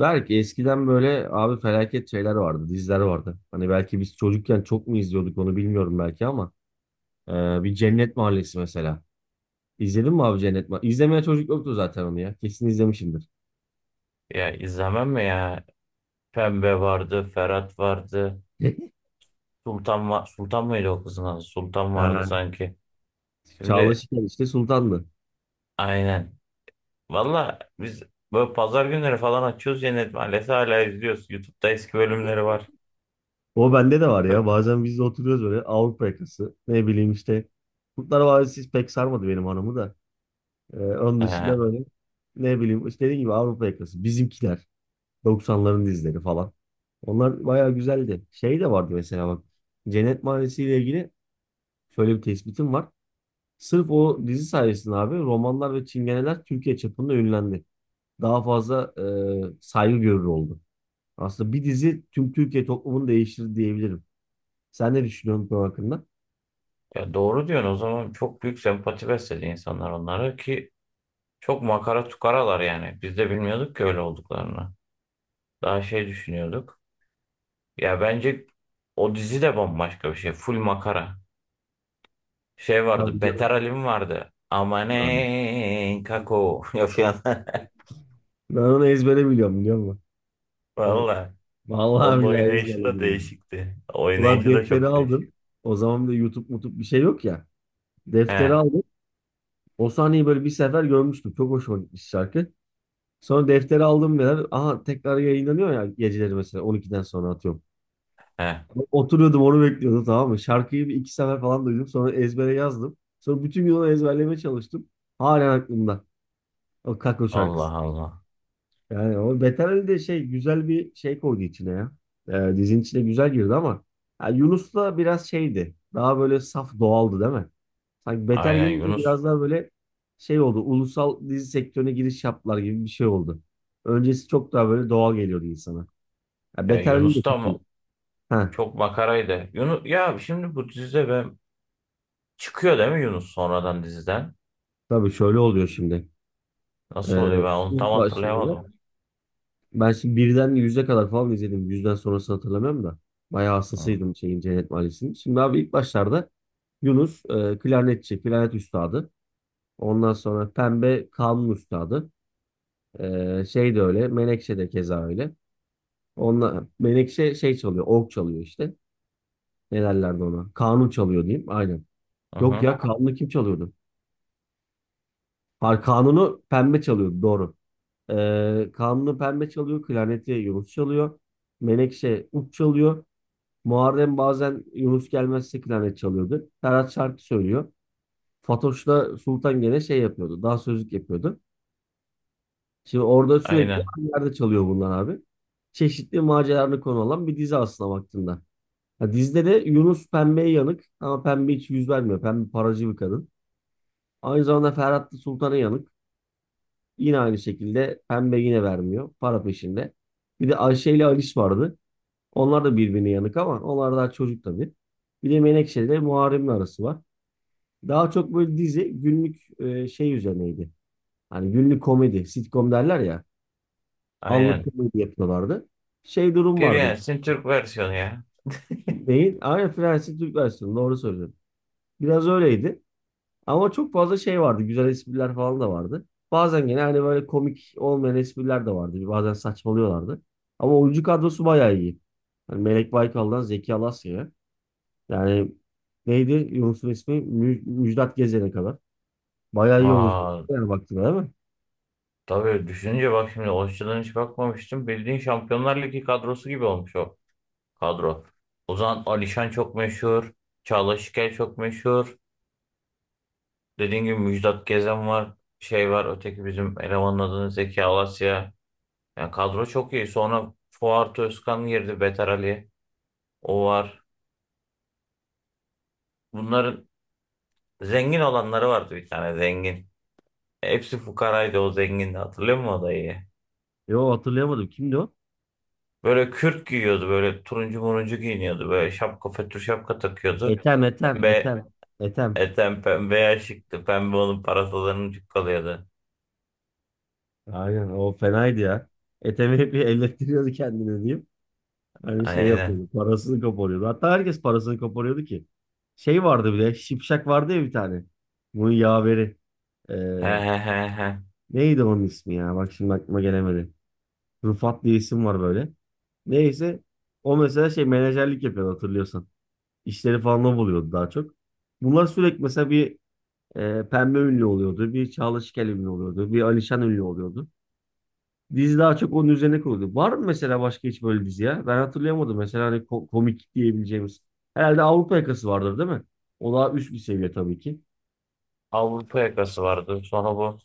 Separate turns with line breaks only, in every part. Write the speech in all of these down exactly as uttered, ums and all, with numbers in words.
Belki eskiden böyle abi felaket şeyler vardı, diziler vardı. Hani belki biz çocukken çok mu izliyorduk onu bilmiyorum belki ama e, bir Cennet Mahallesi mesela. İzledin mi abi Cennet Mahallesi? İzlemeye çocuk yoktu zaten onu ya. Kesin izlemişimdir.
Ya izlemem mi ya? Pembe vardı, Ferhat vardı. Sultan var. Sultan mıydı o kızın adı? Sultan vardı
Ha.
sanki.
Çağla
Şimdi
Şikel işte Sultan'dı.
aynen. Valla biz böyle pazar günleri falan açıyoruz, yine maalesef hala izliyoruz. YouTube'da eski bölümleri var.
O bende de var ya. Bazen biz de oturuyoruz böyle Avrupa yakası. Ne bileyim işte. Kurtlar Vadisi pek sarmadı benim hanımı da. E, onun
Ee,
dışında böyle ne bileyim işte dediğim gibi Avrupa yakası. Bizimkiler. doksanların dizileri falan. Onlar bayağı güzeldi. Şey de vardı mesela bak. Cennet Mahallesi ile ilgili şöyle bir tespitim var. Sırf o dizi sayesinde abi romanlar ve çingeneler Türkiye çapında ünlendi. Daha fazla e, saygı görür oldu. Aslında bir dizi tüm Türkiye toplumunu değiştirdi diyebilirim. Sen ne düşünüyorsun bu hakkında?
Ya doğru diyorsun, o zaman çok büyük sempati besledi insanlar onlara ki çok makara tukaralar yani. Biz de bilmiyorduk ki öyle olduklarını. Daha şey düşünüyorduk. Ya bence o dizi de bambaşka bir şey. Full makara. Şey
Tabii
vardı. Beter
canım.
Alim vardı.
Yani.
Amanen kako. Yapıyor.
Ben onu ezbere biliyorum biliyor musun? Evet.
Valla. Onun
Vallahi billahi
oynayışı da
ezberledim yani.
değişikti.
Ulan
Oynayışı da
defteri
çok
aldım.
değişik.
O zaman da YouTube mutup bir şey yok ya.
He.
Defteri aldım. O sahneyi böyle bir sefer görmüştüm. Çok hoşuma gitmiş şarkı. Sonra defteri aldım ya. Aha tekrar yayınlanıyor ya geceleri mesela on ikiden sonra atıyorum.
He.
Oturuyordum onu bekliyordum tamam mı? Şarkıyı bir iki sefer falan duydum. Sonra ezbere yazdım. Sonra bütün gün onu ezberlemeye çalıştım. Halen aklımda. O Kako şarkısı.
Allah Allah.
Yani o Beter de şey güzel bir şey koydu içine ya. Ee, dizinin içine güzel girdi ama ya Yunus da biraz şeydi. Daha böyle saf doğaldı değil mi? Sanki Beter
Aynen
gelince
Yunus.
biraz daha böyle şey oldu. Ulusal dizi sektörüne giriş yaptılar gibi bir şey oldu. Öncesi çok daha böyle doğal geliyordu insana. Ya
Ya
Beter de
Yunus da
çok iyi.
mı?
Ha,
Çok makaraydı. Yunus ya şimdi bu dizide ben çıkıyor değil mi Yunus sonradan diziden?
tabii şöyle oluyor şimdi.
Nasıl
Ee,
oluyor, ben onu tam
ilk başta
hatırlayamadım.
ben şimdi birden yüze kadar falan izledim. Yüzden sonrasını hatırlamıyorum da. Bayağı
Hı
hastasıydım şeyin Cennet Mahallesi'nin. Şimdi abi ilk başlarda Yunus e, klarnetçi, klarnet üstadı. Ondan sonra Pembe kanun üstadı. E, şey de öyle, Menekşe de keza öyle. Onunla, Menekşe şey çalıyor, org çalıyor işte. Ne derlerdi ona? Kanun çalıyor diyeyim, aynen. Yok
hı.
ya kanunu kim çalıyordu? Hayır, kanunu Pembe çalıyordu, doğru. E, kanunu Pembe çalıyor, klarneti Yunus çalıyor. Menekşe ut çalıyor. Muharrem bazen Yunus Gelmez'e klarnet çalıyordu. Ferhat şarkı söylüyor. Fatoş'la Sultan gene şey yapıyordu. Daha sözlük yapıyordu. Şimdi orada sürekli
Aynen.
aynı yerde çalıyor bunlar abi. Çeşitli maceralarını konu alan bir dizi aslına baktığında. Ha, dizide de Yunus pembeye yanık ama pembe hiç yüz vermiyor. Pembe paracı bir kadın. Aynı zamanda Ferhat da Sultan'a yanık. Yine aynı şekilde pembe yine vermiyor. Para peşinde. Bir de Ayşe ile Aliş vardı. Onlar da birbirine yanık ama onlar daha çocuk tabii. Bir de Menekşe ile Muharrem'in arası var. Daha çok böyle dizi günlük e, şey üzerineydi. Hani günlük komedi, sitcom derler ya. Anlık
Aynen.
komedi yapıyorlardı. Şey durum
Bir
vardı.
yani Türk versiyonu ya.
Neyin? Aynen Fransız Türk versiyonu doğru söylüyorum. Biraz öyleydi. Ama çok fazla şey vardı. Güzel espriler falan da vardı. Bazen gene hani böyle komik olmayan espriler de vardı. Bazen saçmalıyorlardı. Ama oyuncu kadrosu bayağı iyi. Hani Melek Baykal'dan Zeki Alasya'ya. Yani neydi Yunus'un ismi? Mü- Müjdat Gezen'e kadar. Bayağı iyi oyuncu.
Vay.
Yani baktığına değil mi?
Tabii düşününce bak şimdi o açıdan hiç bakmamıştım. Bildiğin Şampiyonlar Ligi kadrosu gibi olmuş o kadro. Ozan Alişan çok meşhur. Çağla Şikel çok meşhur. Dediğin gibi Müjdat Gezen var. Şey var, öteki bizim elemanın adını Zeki Alasya. Yani kadro çok iyi. Sonra Fuat Özkan girdi. Beter Ali. O var. Bunların zengin olanları vardı, bir tane zengin. Hepsi fukaraydı, o zengindi. Hatırlıyor musun o dayıyı?
Yo hatırlayamadım. Kimdi o?
Böyle kürk giyiyordu, böyle turuncu muruncu giyiniyordu, böyle şapka fötr şapka takıyordu.
Etem, Etem,
Pembe,
Etem, Etem.
eten pembe şıktı. Pembe onun parasalarının çıkkalıyordu.
Aynen o fenaydı ya. Etemi hep bir ellettiriyordu kendine diyeyim. Hani şey
Aynen.
yapıyordu. Parasını koparıyordu. Hatta herkes parasını koparıyordu ki. Şey vardı bir de. Şipşak vardı ya bir tane. Bunun yaveri. Ee,
He he he he.
Neydi onun ismi ya? Bak şimdi aklıma gelemedi. Rufat diye isim var böyle. Neyse. O mesela şey menajerlik yapıyordu hatırlıyorsan. İşleri falan o buluyordu daha çok. Bunlar sürekli mesela bir E, Pembe ünlü oluyordu. Bir Çağla Şikel ünlü oluyordu. Bir Alişan ünlü oluyordu. Dizi daha çok onun üzerine kuruldu. Var mı mesela başka hiç böyle dizi ya? Ben hatırlayamadım. Mesela hani ko- komik diyebileceğimiz. Herhalde Avrupa Yakası vardır değil mi? O daha üst bir seviye tabii ki.
Avrupa yakası vardı. Sonra bu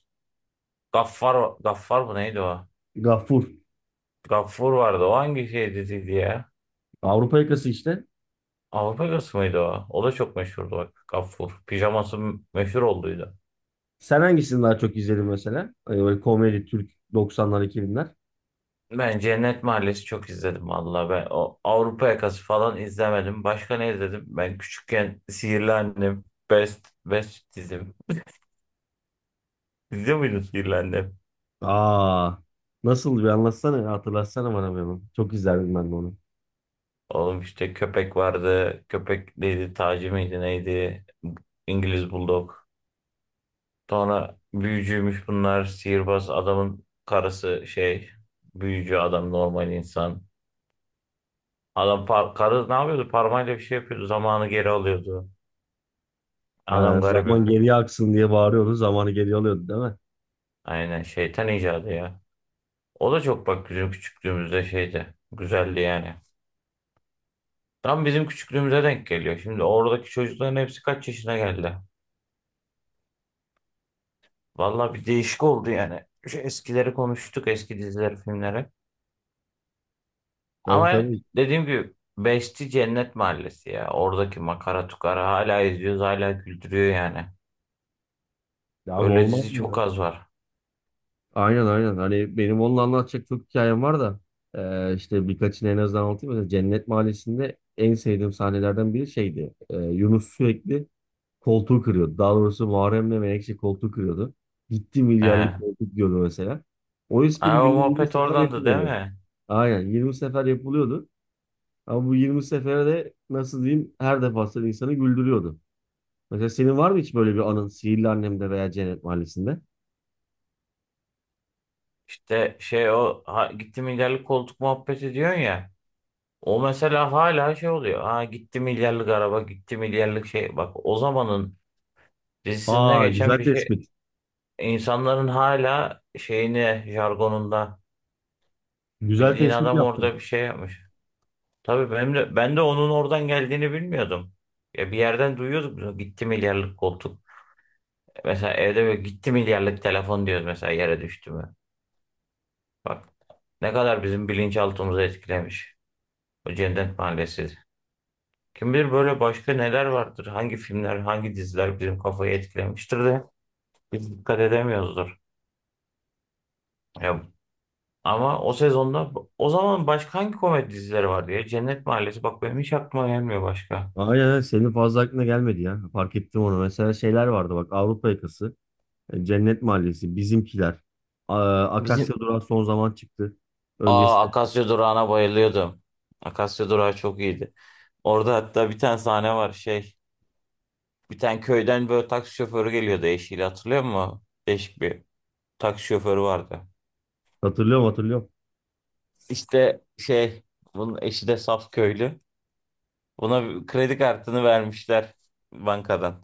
Gaffar, Gaffar mı neydi o?
Gafur.
Gaffur vardı. O hangi şey diziydi ya?
Avrupa Yakası işte.
Avrupa yakası mıydı o? O da çok meşhurdu bak. Gaffur. Pijaması meşhur olduydu.
Sen hangisini daha çok izledin mesela? Hani böyle komedi, Türk doksanlar, iki binler.
Ben Cennet Mahallesi çok izledim, vallahi ben o Avrupa Yakası falan izlemedim. Başka ne izledim? Ben küçükken Sihirli Annem, Best Best dizim. İzliyor muydun Sihirli Annem?
Aa, nasıl bir anlatsana ya, hatırlatsana bana bir hemen. Çok izlerdim ben de onu.
Oğlum işte köpek vardı. Köpek neydi? Taci miydi neydi? İngiliz Bulldog. Sonra büyücüymüş bunlar. Sihirbaz adamın karısı şey. Büyücü adam normal insan. Adam par karı ne yapıyordu? Parmağıyla bir şey yapıyordu. Zamanı geri alıyordu.
Ha,
Adam
zaman
garibim.
geriye aksın diye bağırıyordu. Zamanı geriye alıyordu değil mi?
Aynen şeytan icadı ya. O da çok bak bizim küçüklüğümüzde şeydi. Güzeldi yani. Tam bizim küçüklüğümüze denk geliyor. Şimdi oradaki çocukların hepsi kaç yaşına geldi? Valla bir değişik oldu yani. Şu eskileri konuştuk, eski dizileri, filmleri.
Tabii
Ama
tabii.
dediğim gibi Beşti Cennet Mahallesi ya. Oradaki makara tukara hala izliyoruz, hala güldürüyor yani.
Ya abi
Öyle
olmaz
dizi
mı ya?
çok az var.
Aynen aynen. Hani benim onunla anlatacak çok hikayem var da e, işte birkaçını en azından anlatayım. Mesela Cennet Mahallesi'nde en sevdiğim sahnelerden biri şeydi. E, Yunus sürekli koltuğu kırıyordu. Daha doğrusu Muharrem'le Menekşe koltuğu kırıyordu. Gitti
Ee,
milyarlık koltuk diyordu mesela. O espri
Aa, o
günde yirmi
muhabbet
sefer
oradandı değil
yapılıyordu.
mi?
Aynen yirmi sefer yapılıyordu. Ama bu yirmi sefere de nasıl diyeyim her defasında insanı güldürüyordu. Mesela senin var mı hiç böyle bir anın Sihirli Annem'de veya Cennet Mahallesi'nde?
İşte şey o ha, gitti milyarlık koltuk muhabbeti diyorsun ya. O mesela hala şey oluyor. Ha gitti milyarlık araba, gitti milyarlık şey. Bak, o zamanın dizisinde
Aa
geçen
güzel
bir şey.
tespit.
İnsanların hala şeyini jargonunda
Güzel
bildiğin
tespit
adam
yaptın.
orada bir şey yapmış. Tabii benim de, ben de onun oradan geldiğini bilmiyordum. Ya bir yerden duyuyorduk bunu. Gitti milyarlık koltuk. Mesela evde böyle gitti milyarlık telefon diyoruz mesela, yere düştü mü. Bak ne kadar bizim bilinçaltımızı etkilemiş. O Cennet Mahallesi. Kim bilir böyle başka neler vardır. Hangi filmler, hangi diziler bizim kafayı etkilemiştir de biz dikkat edemiyoruzdur. Ya, ama o sezonda o zaman başka hangi komedi dizileri vardı ya? Cennet Mahallesi bak, benim hiç aklıma gelmiyor başka.
Aynen aynen. Senin fazla aklına gelmedi ya. Fark ettim onu. Mesela şeyler vardı bak Avrupa Yakası, e, Cennet Mahallesi, Bizimkiler. A-
Bizim
Akasya Durağı son zaman çıktı.
Aa
Öncesinde
Akasya Durağı'na bayılıyordum. Akasya Durağı çok iyiydi. Orada hatta bir tane sahne var şey. Bir tane köyden böyle taksi şoförü geliyordu eşiyle, hatırlıyor musun? Değişik bir taksi şoförü vardı.
hatırlıyorum hatırlıyorum.
İşte şey bunun eşi de saf köylü. Buna bir kredi kartını vermişler bankadan.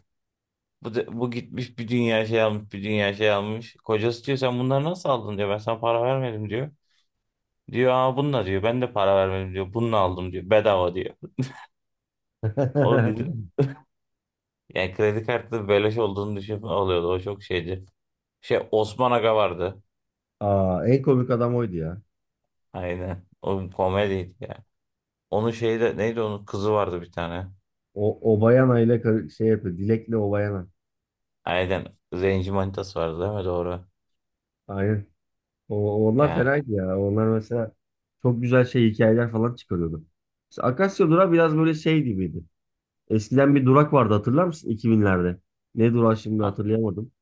Bu, da- bu gitmiş bir dünya şey almış, bir dünya şey almış. Kocası diyor sen bunları nasıl aldın diyor, ben sana para vermedim diyor. Diyor aa bununla diyor ben de para vermedim diyor, bununla aldım diyor, bedava diyor. O yani kredi kartı beleş olduğunu düşünüp alıyordu. O çok şeydi. Şey Osman Aga vardı.
Aa, en komik adam oydu ya.
Aynen. O komediydi ya. Onun şeyi de neydi, onun kızı vardı bir tane.
O Obayana ile kar- şey yapıyor. Dilek'le Obayana.
Aynen. Zenci manitası vardı değil mi? Doğru.
Aynen. O, onlar
Yani
fenaydı ya. Onlar mesela çok güzel şey hikayeler falan çıkarıyordu. Mesela Akasya Durağı biraz böyle şey gibiydi. Eskiden bir durak vardı hatırlar mısın iki binlerde? Ne durağı şimdi
a-
hatırlayamadım.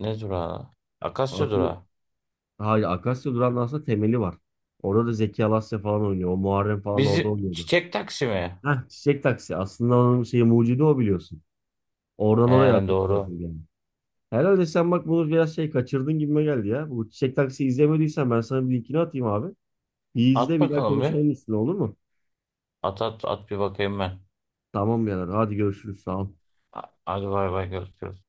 ne durağı? Akasya
Aklı,
durağı.
hayır Akasya durağının aslında temeli var. Orada da Zeki Alasya falan oynuyor. O Muharrem falan orada
Bizi
oynuyordu.
çiçek taksi mi?
Heh, Çiçek Taksi. Aslında onun şeyi mucidi o biliyorsun. Oradan oraya
Ee,
akıntı
doğru.
yapıldı yani. Herhalde sen bak bunu biraz şey kaçırdın gibime geldi ya. Bu Çiçek Taksi izlemediysen ben sana bir linkini atayım abi. Bir
At
izle bir daha
bakalım bir.
konuşalım üstüne olur mu?
At at at bir bakayım ben.
Tamam birader hadi görüşürüz sağ ol.
A- Hadi bay bay görüşürüz.